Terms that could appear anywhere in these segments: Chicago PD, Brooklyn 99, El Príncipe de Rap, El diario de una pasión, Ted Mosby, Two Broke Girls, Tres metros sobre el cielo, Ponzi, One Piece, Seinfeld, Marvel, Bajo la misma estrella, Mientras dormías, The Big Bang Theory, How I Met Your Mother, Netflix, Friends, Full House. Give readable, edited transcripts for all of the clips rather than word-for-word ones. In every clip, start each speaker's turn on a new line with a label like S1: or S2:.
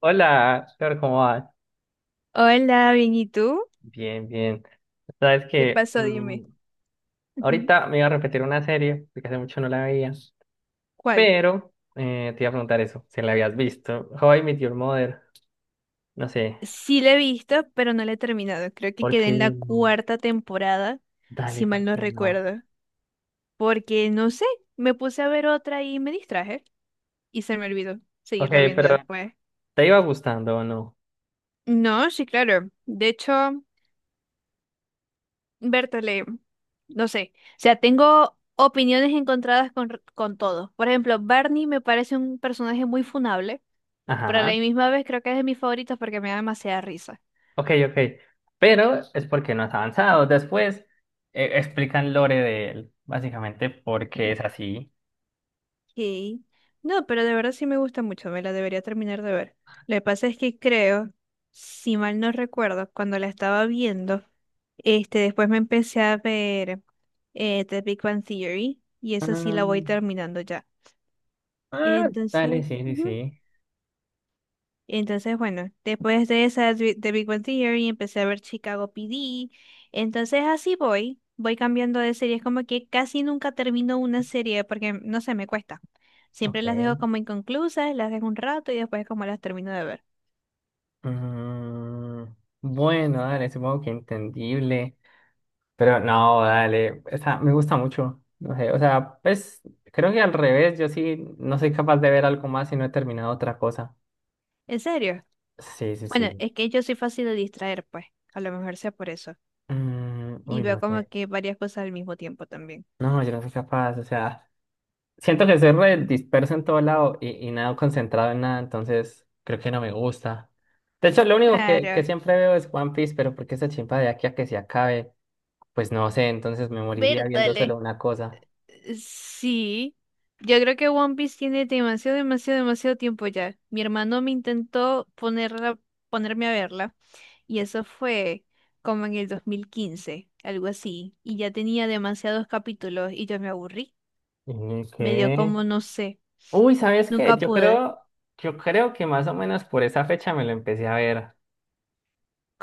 S1: Hola, Flor, ¿cómo vas?
S2: Hola, bien, ¿y tú?
S1: Bien, bien. Sabes
S2: ¿Qué
S1: que
S2: pasó? Dime. Ujú.
S1: ahorita me iba a repetir una serie, porque hace mucho no la veía,
S2: ¿Cuál?
S1: pero te iba a preguntar eso, si la habías visto. How I Met Your Mother, no sé,
S2: Sí la he visto, pero no la he terminado. Creo que
S1: ¿por
S2: quedé
S1: qué
S2: en la
S1: no?
S2: cuarta temporada,
S1: Dale,
S2: si
S1: ¿por
S2: mal no
S1: qué no?
S2: recuerdo. Porque, no sé, me puse a ver otra y me distraje. Y se me olvidó
S1: Ok,
S2: seguirla viendo
S1: pero
S2: después.
S1: ¿te iba gustando o no?
S2: No, sí, claro. De hecho, Bertale, no sé. O sea, tengo opiniones encontradas con todo. Por ejemplo, Barney me parece un personaje muy funable, pero a la
S1: Ajá,
S2: misma vez creo que es de mis favoritos porque me da demasiada risa.
S1: ok, ok. Pero es porque no has avanzado. Después explican lore de él, básicamente porque es así.
S2: Ok. No, pero de verdad sí me gusta mucho, me la debería terminar de ver. Lo que pasa es que creo, si mal no recuerdo, cuando la estaba viendo, este, después me empecé a ver The Big Bang Theory y esa sí la voy
S1: Mm,
S2: terminando ya.
S1: ah, dale,
S2: Entonces,
S1: sí, sí,
S2: ujú.
S1: sí.
S2: Entonces, bueno, después de esa de Big Bang Theory empecé a ver Chicago PD. Entonces así voy cambiando de series, como que casi nunca termino una serie porque no sé, me cuesta. Siempre
S1: Ok.
S2: las dejo como inconclusas, las dejo un rato y después como las termino de ver.
S1: Mm, bueno, dale, supongo que entendible. Pero no, dale, o sea, me gusta mucho. No sé, o sea, pues creo que al revés, yo sí no soy capaz de ver algo más si no he terminado otra cosa.
S2: ¿En serio?
S1: Sí, sí,
S2: Bueno,
S1: sí.
S2: es que yo soy fácil de distraer, pues, a lo mejor sea por eso.
S1: Mm,
S2: Y
S1: uy, no
S2: veo como
S1: sé.
S2: que varias cosas al mismo tiempo también.
S1: No, yo no soy capaz, o sea, siento que soy re disperso en todo lado y nada concentrado en nada, entonces creo que no me gusta. De hecho, lo único que
S2: Claro,
S1: siempre veo es One Piece, pero porque esa chimpa de aquí a que se acabe. Pues no sé, entonces me moriría viendo
S2: Bertale.
S1: solo una cosa.
S2: Sí, yo creo que One Piece tiene demasiado, demasiado, demasiado tiempo ya. Mi hermano me intentó ponerme a verla y eso fue como en el 2015, algo así. Y ya tenía demasiados capítulos y yo me aburrí.
S1: ¿Y
S2: Me dio
S1: qué?
S2: como, no sé,
S1: Uy, ¿sabes qué?
S2: nunca pude.
S1: Yo creo que más o menos por esa fecha me lo empecé a ver.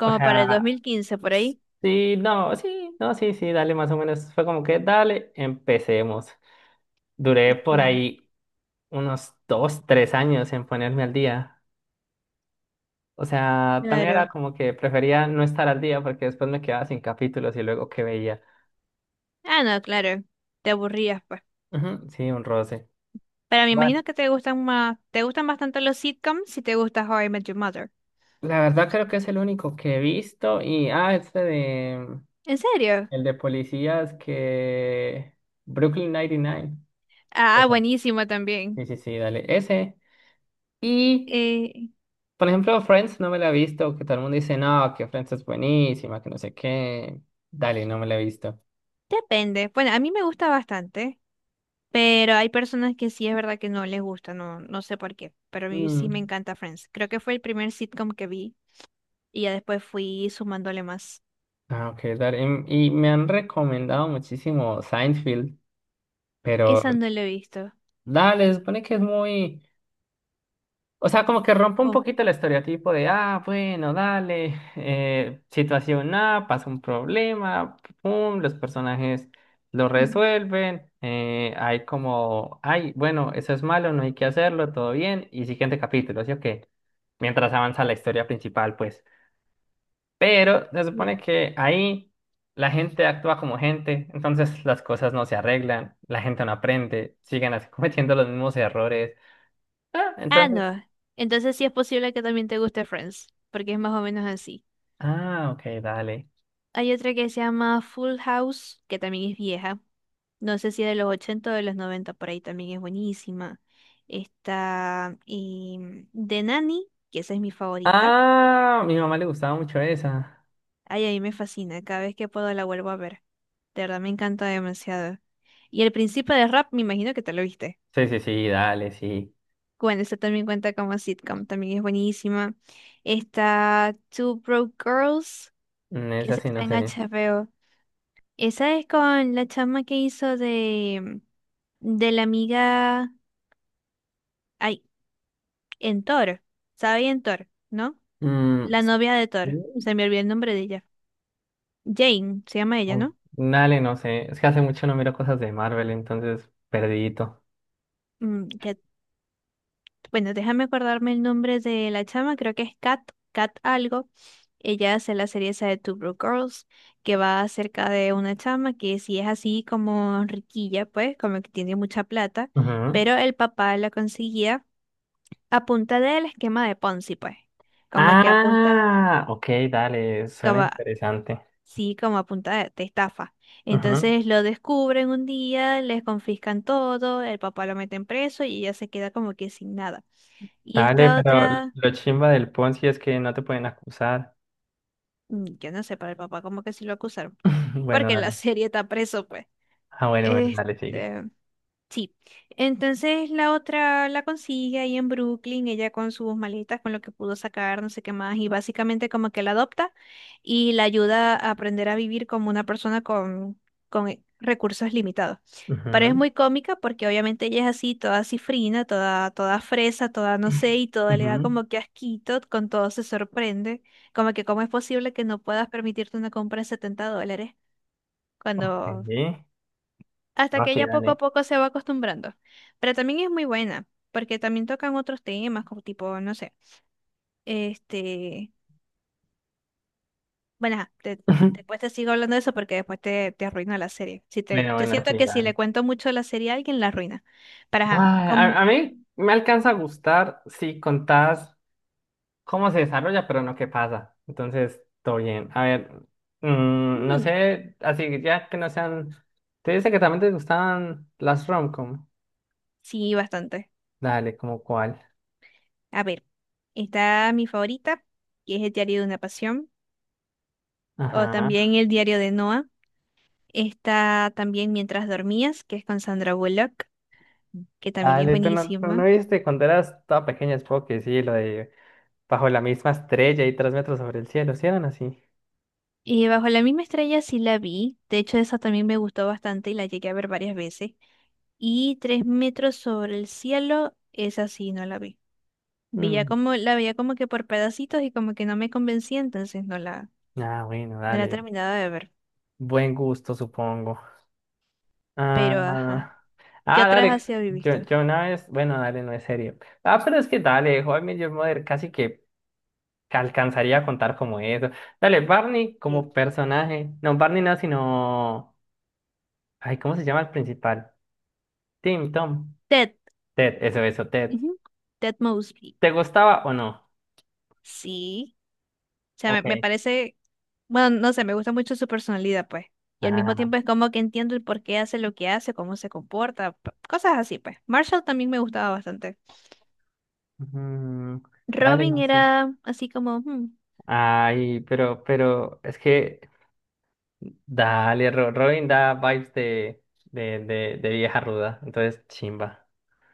S1: O
S2: para el dos
S1: sea,
S2: mil quince por ahí.
S1: sí, no, sí, no, sí, sí, dale, más o menos. Fue como que, dale, empecemos. Duré
S2: Ok,
S1: por ahí unos dos, tres años en ponerme al día. O sea, también era
S2: claro.
S1: como que prefería no estar al día porque después me quedaba sin capítulos y luego qué veía.
S2: Ah, no, claro. Te aburrías, pues.
S1: Ujú, sí, un roce.
S2: Pero me imagino que te gustan más, te gustan bastante los sitcoms si te gusta How I Met Your Mother.
S1: La verdad creo que es el único que he visto. Y, ah, este de...
S2: ¿En serio?
S1: El de policías que... Brooklyn 99.
S2: Ah,
S1: Ujú.
S2: buenísimo también.
S1: Sí, sí, sí, dale. Ese. Y,
S2: Eh,
S1: por ejemplo, Friends no me la he visto, que todo el mundo dice, no, que Friends es buenísima, que no sé qué. Dale, no me la he visto.
S2: Depende. Bueno, a mí me gusta bastante, pero hay personas que sí es verdad que no les gusta, no, no sé por qué, pero a mí sí
S1: Mm.
S2: me encanta Friends. Creo que fue el primer sitcom que vi y ya después fui sumándole más.
S1: Ah, ok, dale. Y me han recomendado muchísimo Seinfeld, pero
S2: Esa no la he visto.
S1: dale, se supone que es muy... O sea, como que rompe un
S2: ¿Cómo?
S1: poquito el estereotipo de, ah, bueno, dale, situación A, pasa un problema, pum, los personajes lo
S2: Ujú.
S1: resuelven, hay como, ay, bueno, eso es malo, no hay que hacerlo, todo bien, y siguiente capítulo, así que mientras avanza la historia principal, pues. Pero se
S2: Bien.
S1: supone que ahí la gente actúa como gente, entonces las cosas no se arreglan, la gente no aprende, siguen así cometiendo los mismos errores. Ah,
S2: Ah,
S1: entonces,
S2: no. Entonces sí es posible que también te guste Friends, porque es más o menos así.
S1: ah, ok, dale.
S2: Hay otra que se llama Full House, que también es vieja. No sé si de los 80 o de los 90 por ahí también es buenísima. Está y, de Nani, que esa es mi favorita.
S1: Ah, a mi mamá le gustaba mucho esa.
S2: Ay, a mí me fascina, cada vez que puedo la vuelvo a ver. De verdad me encanta demasiado. Y El Príncipe de Rap, me imagino que te lo viste.
S1: Sí, sí, sí, dale, sí.
S2: Bueno, esta también cuenta como sitcom, también es buenísima. Está Two Broke Girls,
S1: Mm,
S2: que
S1: esa
S2: esa
S1: sí, no
S2: está en
S1: sé.
S2: HBO. Esa es con la chama que hizo de la amiga, ay, en Thor, ¿sabe? En Thor. ¿No?
S1: Mm,
S2: La novia de Thor.
S1: sí,
S2: Se me olvidó el nombre de ella. Jane, se llama ella,
S1: oh,
S2: ¿no?
S1: dale, no sé. Es que hace mucho no miro cosas de Marvel, entonces perdidito.
S2: Mm, ya- bueno, déjame acordarme el nombre de la chama, creo que es Kat, Kat algo. Ella hace la serie esa de Two Broke Girls, que va acerca de una chama que sí es así como riquilla, pues, como que tiene mucha plata,
S1: Ujú.
S2: pero el papá la conseguía a punta del esquema de Ponzi, pues. Como que apunta,
S1: Ah, ok, dale, suena interesante.
S2: sí, como a punta de estafa.
S1: Ujú.
S2: Entonces lo descubren un día, les confiscan todo, el papá lo meten preso y ella se queda como que sin nada. Y
S1: Dale,
S2: esta
S1: pero
S2: otra,
S1: lo chimba del Ponzi es que no te pueden acusar.
S2: mm, yo no sé, para el papá como que sí lo acusaron,
S1: Bueno,
S2: porque en la
S1: dale.
S2: serie está preso, pues.
S1: Ah, bueno, bueno, dale, sigue.
S2: Este, sí, entonces la otra la consigue ahí en Brooklyn, ella con sus maletas, con lo que pudo sacar, no sé qué más, y básicamente como que la adopta y la ayuda a aprender a vivir como una persona con, con recursos limitados. Pero es
S1: Ujú.
S2: muy cómica porque obviamente ella es así, toda cifrina, toda, toda fresa, toda no sé, y toda le da
S1: Ujú.
S2: como que asquito, con todo se sorprende, como que cómo es posible que no puedas permitirte una compra de $70
S1: Ok.
S2: cuando
S1: Sí.
S2: hasta
S1: Ah,
S2: que
S1: sí,
S2: ella poco a
S1: dale.
S2: poco se va acostumbrando. Pero también es muy buena, porque también tocan otros temas, como tipo, no sé, este, bueno, ajá, te- después te, sigo hablando de eso porque después te arruina la serie. Si te,
S1: Bueno,
S2: yo
S1: bueno, sí,
S2: siento que si
S1: dale.
S2: le cuento mucho la serie a alguien, la arruina. Para, ajá,
S1: Ay, a,
S2: con,
S1: a mí me alcanza a gustar si contás cómo se desarrolla, pero no qué pasa. Entonces, todo bien. A ver, mm, no
S2: mm,
S1: sé, así que ya que no sean... Te dice que también te gustaban las romcom.
S2: sí, bastante.
S1: Dale, ¿como cuál?
S2: A ver, está mi favorita, que es El diario de una pasión, o
S1: Ajá.
S2: también El diario de Noah. Está también Mientras dormías, que es con Sandra Bullock, que también es
S1: Dale, tú no
S2: buenísima.
S1: viste cuando eras toda pequeña, supongo que sí, lo de bajo la misma estrella y tres metros sobre el cielo, ¿sí eran así?
S2: Y Bajo la misma estrella sí la vi, de hecho esa también me gustó bastante y la llegué a ver varias veces. Y Tres metros sobre el cielo, esa sí no la vi. Veía
S1: Mm,
S2: como, la veía como que por pedacitos y como que no me convencía, entonces
S1: ah, bueno,
S2: no la
S1: dale.
S2: terminaba de ver.
S1: Buen gusto, supongo.
S2: Pero
S1: Ah,
S2: ajá, ¿qué
S1: ah,
S2: otras
S1: dale.
S2: así habéis
S1: Yo,
S2: visto?
S1: yo una vez, bueno, dale, no es serio. Ah, pero es que dale, How I Met Your Mother casi que alcanzaría a contar como eso. Dale, Barney
S2: Eh,
S1: como personaje. No, Barney no, sino. Ay, ¿cómo se llama el principal? Tim, Tom.
S2: Ted,
S1: Ted, eso, Ted.
S2: ujú, Ted Mosby.
S1: ¿Te gustaba o no?
S2: Sí, o sea, me
S1: Ok.
S2: parece bueno, no sé, me gusta mucho su personalidad, pues. Y al mismo
S1: Ah,
S2: tiempo es como que entiendo el por qué hace lo que hace, cómo se comporta, p- cosas así, pues. Marshall también me gustaba bastante.
S1: mm, dale,
S2: Robin
S1: no sé.
S2: era así como, hmm,
S1: Ay, pero, es que. Dale, Ro- Robin da vibes de vieja ruda. Entonces, chimba.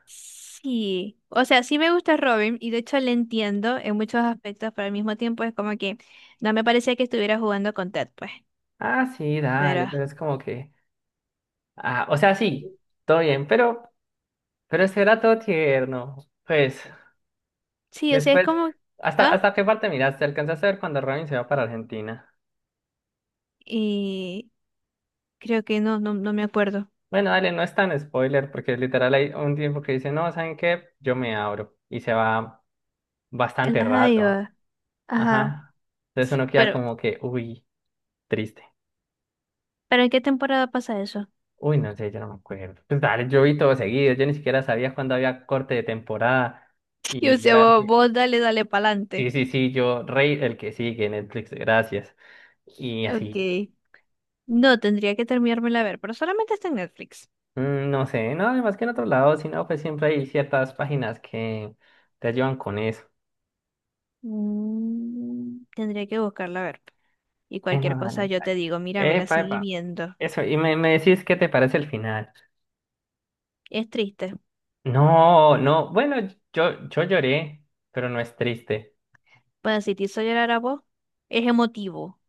S2: sí. O sea, sí me gusta Robin y de hecho le entiendo en muchos aspectos, pero al mismo tiempo es como que no me parecía que estuviera jugando con Ted, pues.
S1: Ah, sí, dale,
S2: Pero
S1: pero es como que, ah, o sea, sí, todo bien, pero ese era todo tierno. Pues,
S2: sí, o sea, es
S1: después,
S2: como,
S1: ¿hasta,
S2: ah,
S1: hasta qué parte miraste? ¿Alcanzaste a ver cuando Robin se va para Argentina?
S2: y creo que no, no, no me acuerdo.
S1: Bueno, dale, no es tan spoiler, porque literal hay un tiempo que dice, no, ¿saben qué? Yo me abro, y se va bastante rato.
S2: Ajá, ajá.
S1: Ajá. Entonces
S2: S-
S1: uno queda como que, uy, triste.
S2: ¿Pero en qué temporada pasa eso?
S1: Uy, no sé, yo no me acuerdo. Pues dale, yo vi todo seguido, yo ni siquiera sabía cuándo había corte de temporada,
S2: Y o
S1: y
S2: sea,
S1: era...
S2: vos, vos dale, dale
S1: Sí,
S2: pa'lante.
S1: sí, sí, yo, Rey, el que sigue, Netflix, gracias. Y
S2: Ok.
S1: así,
S2: No, tendría que terminármela a ver, pero solamente está en Netflix.
S1: mm, no sé, no, además que en otro lado, si no, pues siempre hay ciertas páginas que te ayudan con eso.
S2: Mm, tendría que buscarla a ver. Y cualquier
S1: No,
S2: cosa
S1: dale,
S2: yo
S1: dale.
S2: te digo, mira, me la
S1: Epa,
S2: seguí
S1: epa.
S2: viendo.
S1: Eso, y me decís qué te parece el final.
S2: Es triste.
S1: No, no, bueno, yo lloré, pero no es triste.
S2: Bueno, si te hizo llorar a vos, es emotivo.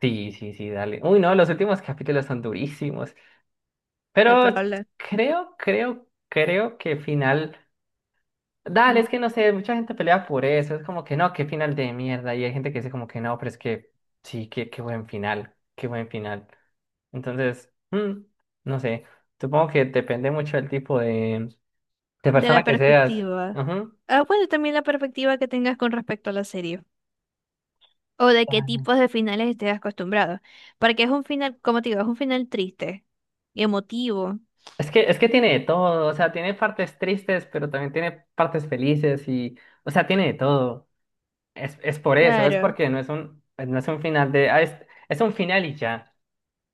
S1: Sí, sí, sí, dale. Uy, no, los últimos capítulos son durísimos,
S2: De
S1: pero
S2: probable hablar
S1: creo, creo, creo que final... Dale, es
S2: sí,
S1: que no sé, mucha gente pelea por eso, es como que no, qué final de mierda, y hay gente que dice como que no, pero es que sí, qué, qué buen final, qué buen final. Entonces, mm, no sé, supongo que depende mucho del tipo de
S2: de
S1: persona
S2: la
S1: que seas.
S2: perspectiva.
S1: Ujú.
S2: Ah, bueno, también la perspectiva que tengas con respecto a la serie. O de qué tipos de finales estés acostumbrado. Porque es un final, como te digo, es un final triste y emotivo.
S1: Es que tiene de todo, o sea, tiene partes tristes, pero también tiene partes felices y, o sea, tiene de todo. Es por eso, es
S2: Claro.
S1: porque no es un, no es un final de, ah, es un final y ya.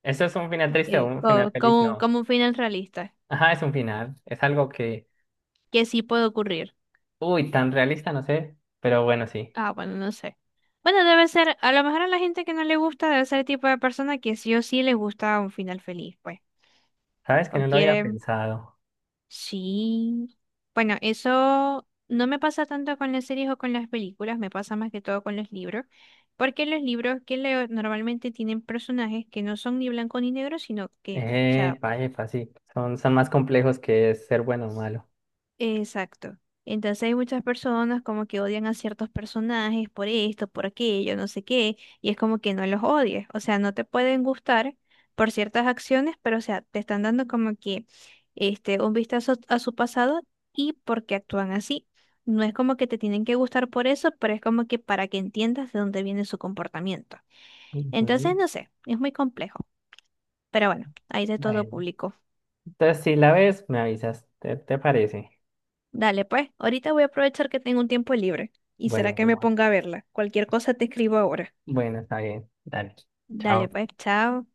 S1: Eso es un final triste o un final
S2: Co-
S1: feliz,
S2: como,
S1: no.
S2: como un final realista,
S1: Ajá, es un final. Es algo que,
S2: que sí puede ocurrir.
S1: uy, tan realista, no sé, pero bueno, sí.
S2: Ah, bueno, no sé. Bueno, debe ser, a lo mejor a la gente que no le gusta, debe ser el tipo de persona que sí o sí les gusta un final feliz, pues.
S1: Sabes que
S2: O
S1: no lo había
S2: quieren,
S1: pensado.
S2: sí. Bueno, eso no me pasa tanto con las series o con las películas, me pasa más que todo con los libros, porque los libros que leo normalmente tienen personajes que no son ni blanco ni negro, sino que, o sea,
S1: Epa, sí. Son, son más complejos que ser bueno o malo.
S2: exacto. Entonces hay muchas personas como que odian a ciertos personajes por esto, por aquello, no sé qué, y es como que no los odies, o sea, no te pueden gustar por ciertas acciones, pero o sea, te están dando como que este un vistazo a su pasado y por qué actúan así. No es como que te tienen que gustar por eso, pero es como que para que entiendas de dónde viene su comportamiento. Entonces,
S1: Ujú.
S2: no sé, es muy complejo, pero bueno, hay de todo
S1: Bueno,
S2: público.
S1: entonces si la ves, me avisas. ¿Te, te parece?
S2: Dale, pues, ahorita voy a aprovechar que tengo un tiempo libre. ¿Y será
S1: Bueno,
S2: que me
S1: bueno,
S2: ponga a verla? Cualquier cosa te escribo ahora.
S1: bueno, está bien. Dale.
S2: Dale,
S1: Chao.
S2: pues, chao.